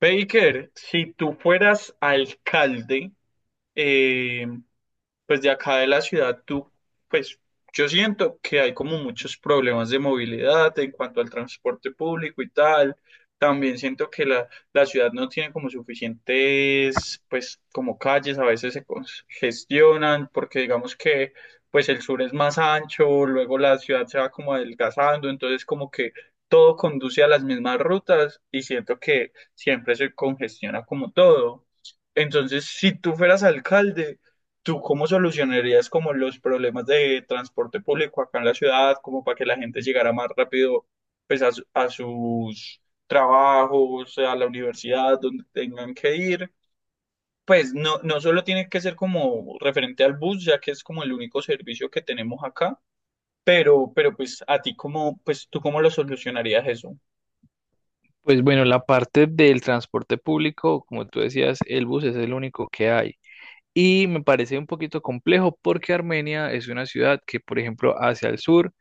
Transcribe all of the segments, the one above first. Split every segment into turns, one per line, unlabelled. Baker, si tú fueras alcalde, eh, pues de acá de la ciudad, tú, pues yo siento que hay como muchos problemas de movilidad en cuanto al transporte público y tal. También siento que la ciudad no tiene como suficientes, pues como calles, a veces se congestionan porque digamos que pues el sur es más ancho, luego la ciudad se va como adelgazando, entonces como que todo conduce a las mismas rutas y siento que siempre se congestiona como todo. Entonces, si tú fueras alcalde, ¿tú cómo solucionarías como los problemas de transporte público acá en la ciudad, como para que la gente llegara más rápido pues a, a sus trabajos, a la universidad, donde tengan que ir? Pues no, no solo tiene que ser como referente al bus, ya que es como el único servicio que tenemos acá, pero pues a ti cómo, pues tú cómo lo solucionarías eso.
Pues bueno, la parte del transporte público, como tú decías, el bus es el único que hay. Y me parece un poquito complejo porque Armenia es una ciudad que, por ejemplo, hacia el sur,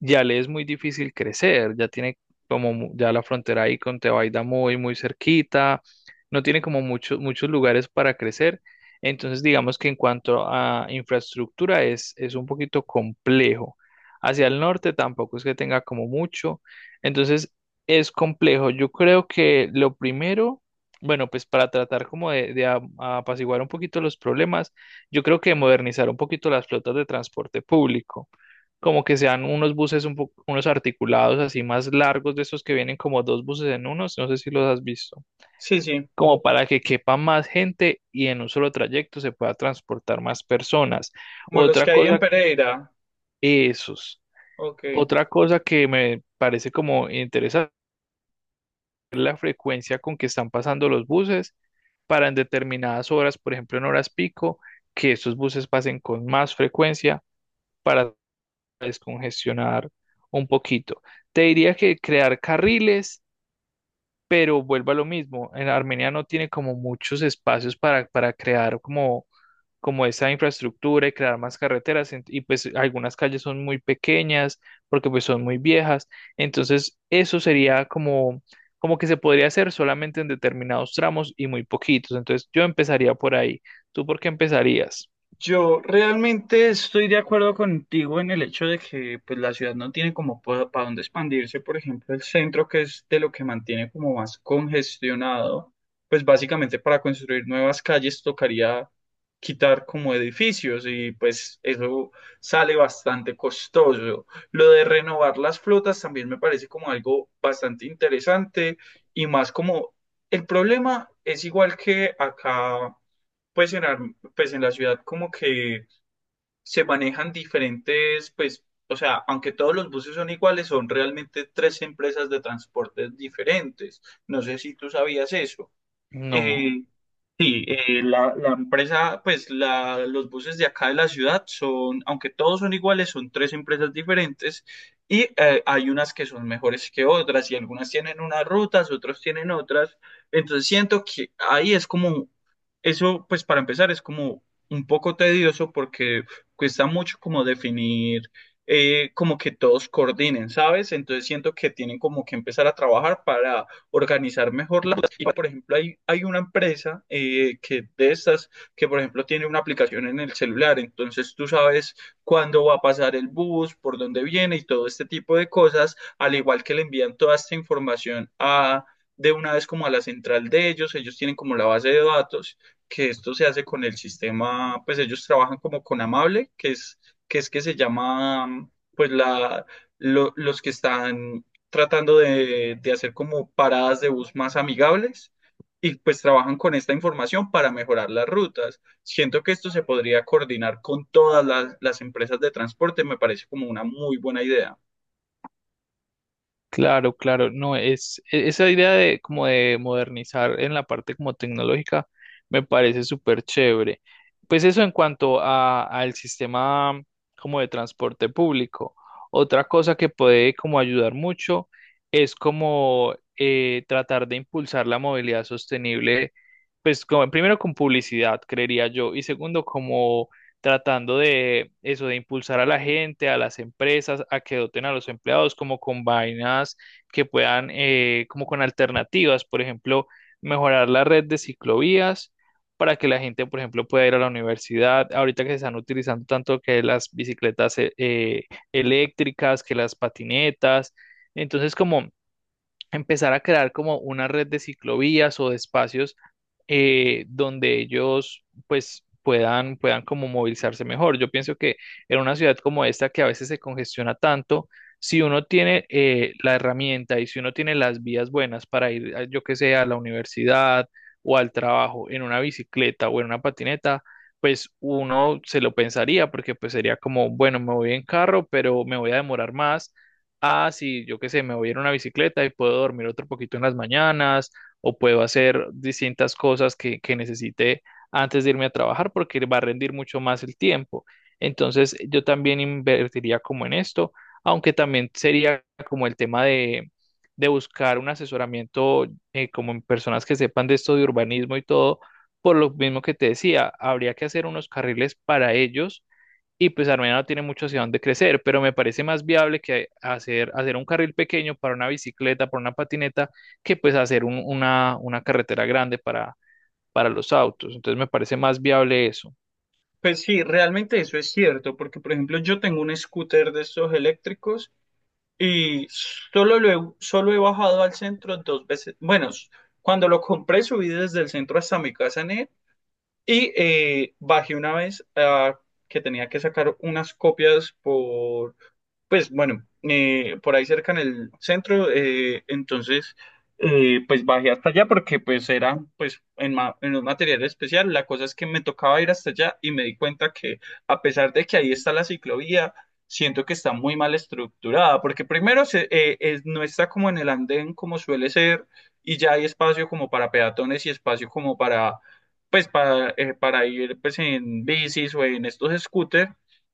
ya le es muy difícil crecer, ya tiene ya la frontera ahí con Tebaida muy, muy cerquita, no tiene como muchos, muchos lugares para crecer. Entonces, digamos que en cuanto a infraestructura es un poquito complejo. Hacia el norte tampoco es que tenga como mucho. Entonces, es complejo. Yo creo que lo primero, bueno, pues para tratar como apaciguar un poquito los problemas, yo creo que modernizar un poquito las flotas de transporte público como que sean unos buses un poco, unos articulados así más largos de esos que vienen como dos buses en uno, no sé si los has visto,
Sí, sí,
como para que quepa más gente y en un solo trayecto se pueda transportar más personas.
como los
Otra
que hay en
cosa que,
Pereira.
esos,
Ok.
otra cosa que me parece como interesante es la frecuencia con que están pasando los buses para en determinadas horas, por ejemplo en horas pico, que esos buses pasen con más frecuencia para descongestionar un poquito. Te diría que crear carriles, pero vuelvo a lo mismo. En Armenia no tiene como muchos espacios para crear como, como esa infraestructura y crear más carreteras. Y pues algunas calles son muy pequeñas porque pues son muy viejas. Entonces eso sería como, como que se podría hacer solamente en determinados tramos y muy poquitos. Entonces yo empezaría por ahí. ¿Tú por qué empezarías?
Yo realmente estoy de acuerdo contigo en el hecho de que pues, la ciudad no tiene como para dónde expandirse. Por ejemplo, el centro, que es de lo que mantiene como más congestionado, pues básicamente para construir nuevas calles tocaría quitar como edificios y pues eso sale bastante costoso. Lo de renovar las flotas también me parece como algo bastante interesante y más como el problema es igual que acá. Pues en, pues en la ciudad como que se manejan diferentes, pues, o sea, aunque todos los buses son iguales, son realmente tres empresas de transportes diferentes. No sé si tú sabías eso.
No.
Eh, Sí, la, la empresa, pues la, los buses de acá de la ciudad son, aunque todos son iguales, son tres empresas diferentes y hay unas que son mejores que otras y algunas tienen unas rutas, otros tienen otras. Entonces siento que ahí es como, eso pues para empezar es como un poco tedioso porque cuesta mucho como definir, como que todos coordinen, ¿sabes? Entonces siento que tienen como que empezar a trabajar organizar mejor las cosas. Y, por ejemplo, hay una empresa que de estas, que por ejemplo tiene una aplicación en el celular, entonces tú sabes cuándo va a pasar el bus, por dónde viene y todo este tipo de cosas, al igual que le envían toda esta información a de una vez como a la central de ellos, ellos tienen como la base de datos, que esto se hace con el sistema, pues ellos trabajan como con Amable, que es que, es que se llama, pues la, los que están tratando de hacer como paradas de bus más amigables y pues trabajan con esta información para mejorar las rutas. Siento que esto se podría coordinar con todas las empresas de transporte, me parece como una muy buena idea.
Claro, claro, no, es esa idea de como de modernizar en la parte como tecnológica me parece súper chévere. Pues eso en cuanto a al sistema como de transporte público. Otra cosa que puede como ayudar mucho es como tratar de impulsar la movilidad sostenible, pues como, primero con publicidad, creería yo, y segundo como tratando de eso, de impulsar a la gente, a las empresas, a que doten a los empleados como con vainas que puedan, como con alternativas, por ejemplo, mejorar la red de ciclovías para que la gente, por ejemplo, pueda ir a la universidad. Ahorita que se están utilizando tanto que las bicicletas eléctricas, que las patinetas. Entonces, como empezar a crear como una red de ciclovías o de espacios donde ellos pues puedan como movilizarse mejor. Yo pienso que en una ciudad como esta que a veces se congestiona tanto, si uno tiene la herramienta y si uno tiene las vías buenas para ir, yo que sé, a la universidad o al trabajo en una bicicleta o en una patineta, pues uno se lo pensaría porque pues sería como, bueno, me voy en carro, pero me voy a demorar más. Ah, sí, yo qué sé, me voy a ir a una bicicleta y puedo dormir otro poquito en las mañanas o puedo hacer distintas cosas que necesite antes de irme a trabajar porque va a rendir mucho más el tiempo. Entonces, yo también invertiría como en esto, aunque también sería como el tema de buscar un asesoramiento como en personas que sepan de esto de urbanismo y todo, por lo mismo que te decía, habría que hacer unos carriles para ellos y pues Armenia no tiene mucho hacia dónde crecer, pero me parece más viable que hacer un carril pequeño para una bicicleta, para una patineta, que pues hacer una carretera grande para los autos. Entonces me parece más viable eso.
Pues sí, realmente eso es cierto, porque por ejemplo yo tengo un scooter de estos eléctricos y solo lo he, solo he bajado al centro dos veces. Bueno, cuando lo compré subí desde el centro hasta mi casa en él. Y bajé una vez ah, que tenía que sacar unas copias por pues bueno, por ahí cerca en el centro, entonces pues bajé hasta allá porque pues era pues en, en un material especial. La cosa es que me tocaba ir hasta allá y me di cuenta que a pesar de que ahí está la ciclovía, siento que está muy mal estructurada porque primero se, no está como en el andén como suele ser y ya hay espacio como para peatones y espacio como para pues para ir pues en bicis o en estos scooters.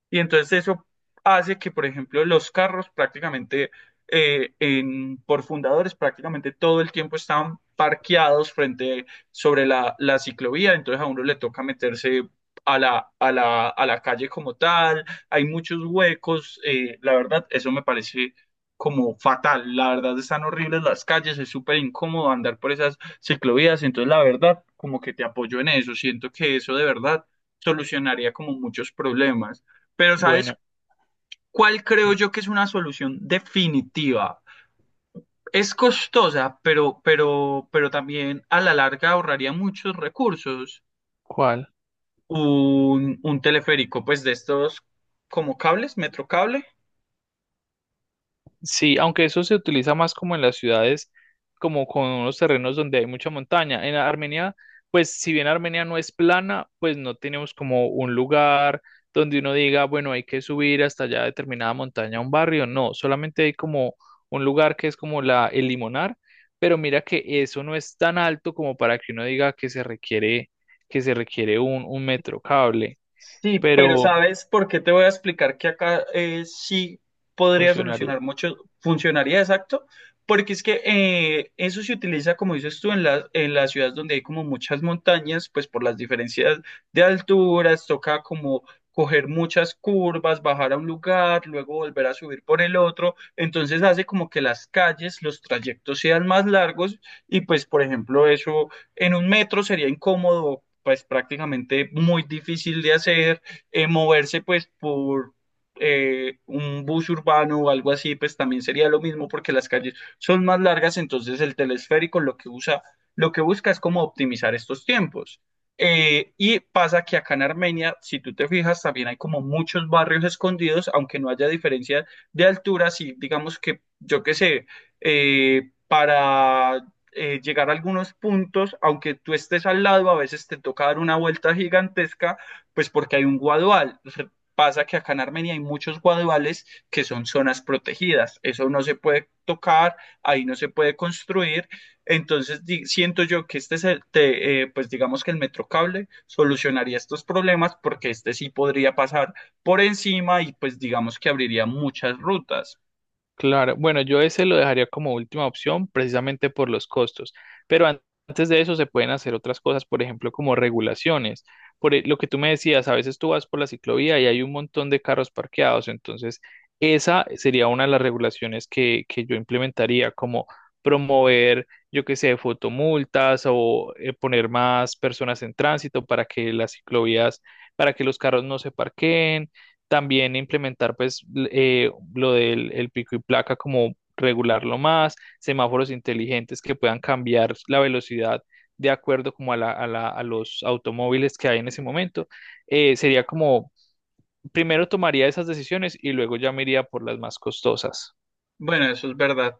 Y entonces eso hace que, por ejemplo, los carros prácticamente, por fundadores, prácticamente todo el tiempo están parqueados frente sobre la ciclovía, entonces a uno le toca meterse a la calle como tal, hay muchos huecos, la verdad, eso me parece como fatal, la verdad están horribles las calles, es súper incómodo andar por esas ciclovías, entonces la verdad, como que te apoyo en eso, siento que eso de verdad solucionaría como muchos problemas. Pero ¿sabes
Bueno,
cuál creo yo que es una solución definitiva? Es costosa, pero también a la larga ahorraría muchos recursos.
¿cuál?
Un teleférico, pues de estos como cables, metrocable.
Sí, aunque eso se utiliza más como en las ciudades, como con unos terrenos donde hay mucha montaña. En Armenia, pues si bien Armenia no es plana, pues no tenemos como un lugar donde uno diga, bueno, hay que subir hasta allá determinada montaña a un barrio. No, solamente hay como un lugar que es como el Limonar, pero mira que eso no es tan alto como para que uno diga que se requiere un metro cable,
Sí, pero
pero
¿sabes por qué te voy a explicar que acá sí podría solucionar
funcionaría.
mucho, funcionaría exacto? Porque es que eso se utiliza, como dices tú, en las ciudades donde hay como muchas montañas, pues por las diferencias de alturas, toca como coger muchas curvas, bajar a un lugar, luego volver a subir por el otro. Entonces hace como que las calles, los trayectos sean más largos y pues, por ejemplo, eso en un metro sería incómodo, pues prácticamente muy difícil de hacer, moverse pues por un bus urbano o algo así, pues también sería lo mismo porque las calles son más largas, entonces el telesférico lo que usa, lo que busca es como optimizar estos tiempos. Y pasa que acá en Armenia, si tú te fijas, también hay como muchos barrios escondidos, aunque no haya diferencia de altura, si digamos que, yo qué sé, para llegar a algunos puntos, aunque tú estés al lado, a veces te toca dar una vuelta gigantesca, pues porque hay un guadual. Pasa que acá en Armenia hay muchos guaduales que son zonas protegidas. Eso no se puede tocar, ahí no se puede construir. Entonces siento yo que este es el, pues digamos que el metrocable solucionaría estos problemas porque este sí podría pasar por encima y pues digamos que abriría muchas rutas.
Claro, bueno, yo ese lo dejaría como última opción precisamente por los costos, pero antes de eso se pueden hacer otras cosas, por ejemplo, como regulaciones. Por lo que tú me decías, a veces tú vas por la ciclovía y hay un montón de carros parqueados, entonces esa sería una de las regulaciones que yo implementaría, como promover, yo qué sé, fotomultas o poner más personas en tránsito para que las ciclovías, para que los carros no se parqueen también implementar pues lo del el pico y placa como regularlo más, semáforos inteligentes que puedan cambiar la velocidad de acuerdo como a a los automóviles que hay en ese momento. Sería como, primero tomaría esas decisiones y luego ya me iría por las más costosas.
Bueno, eso es verdad.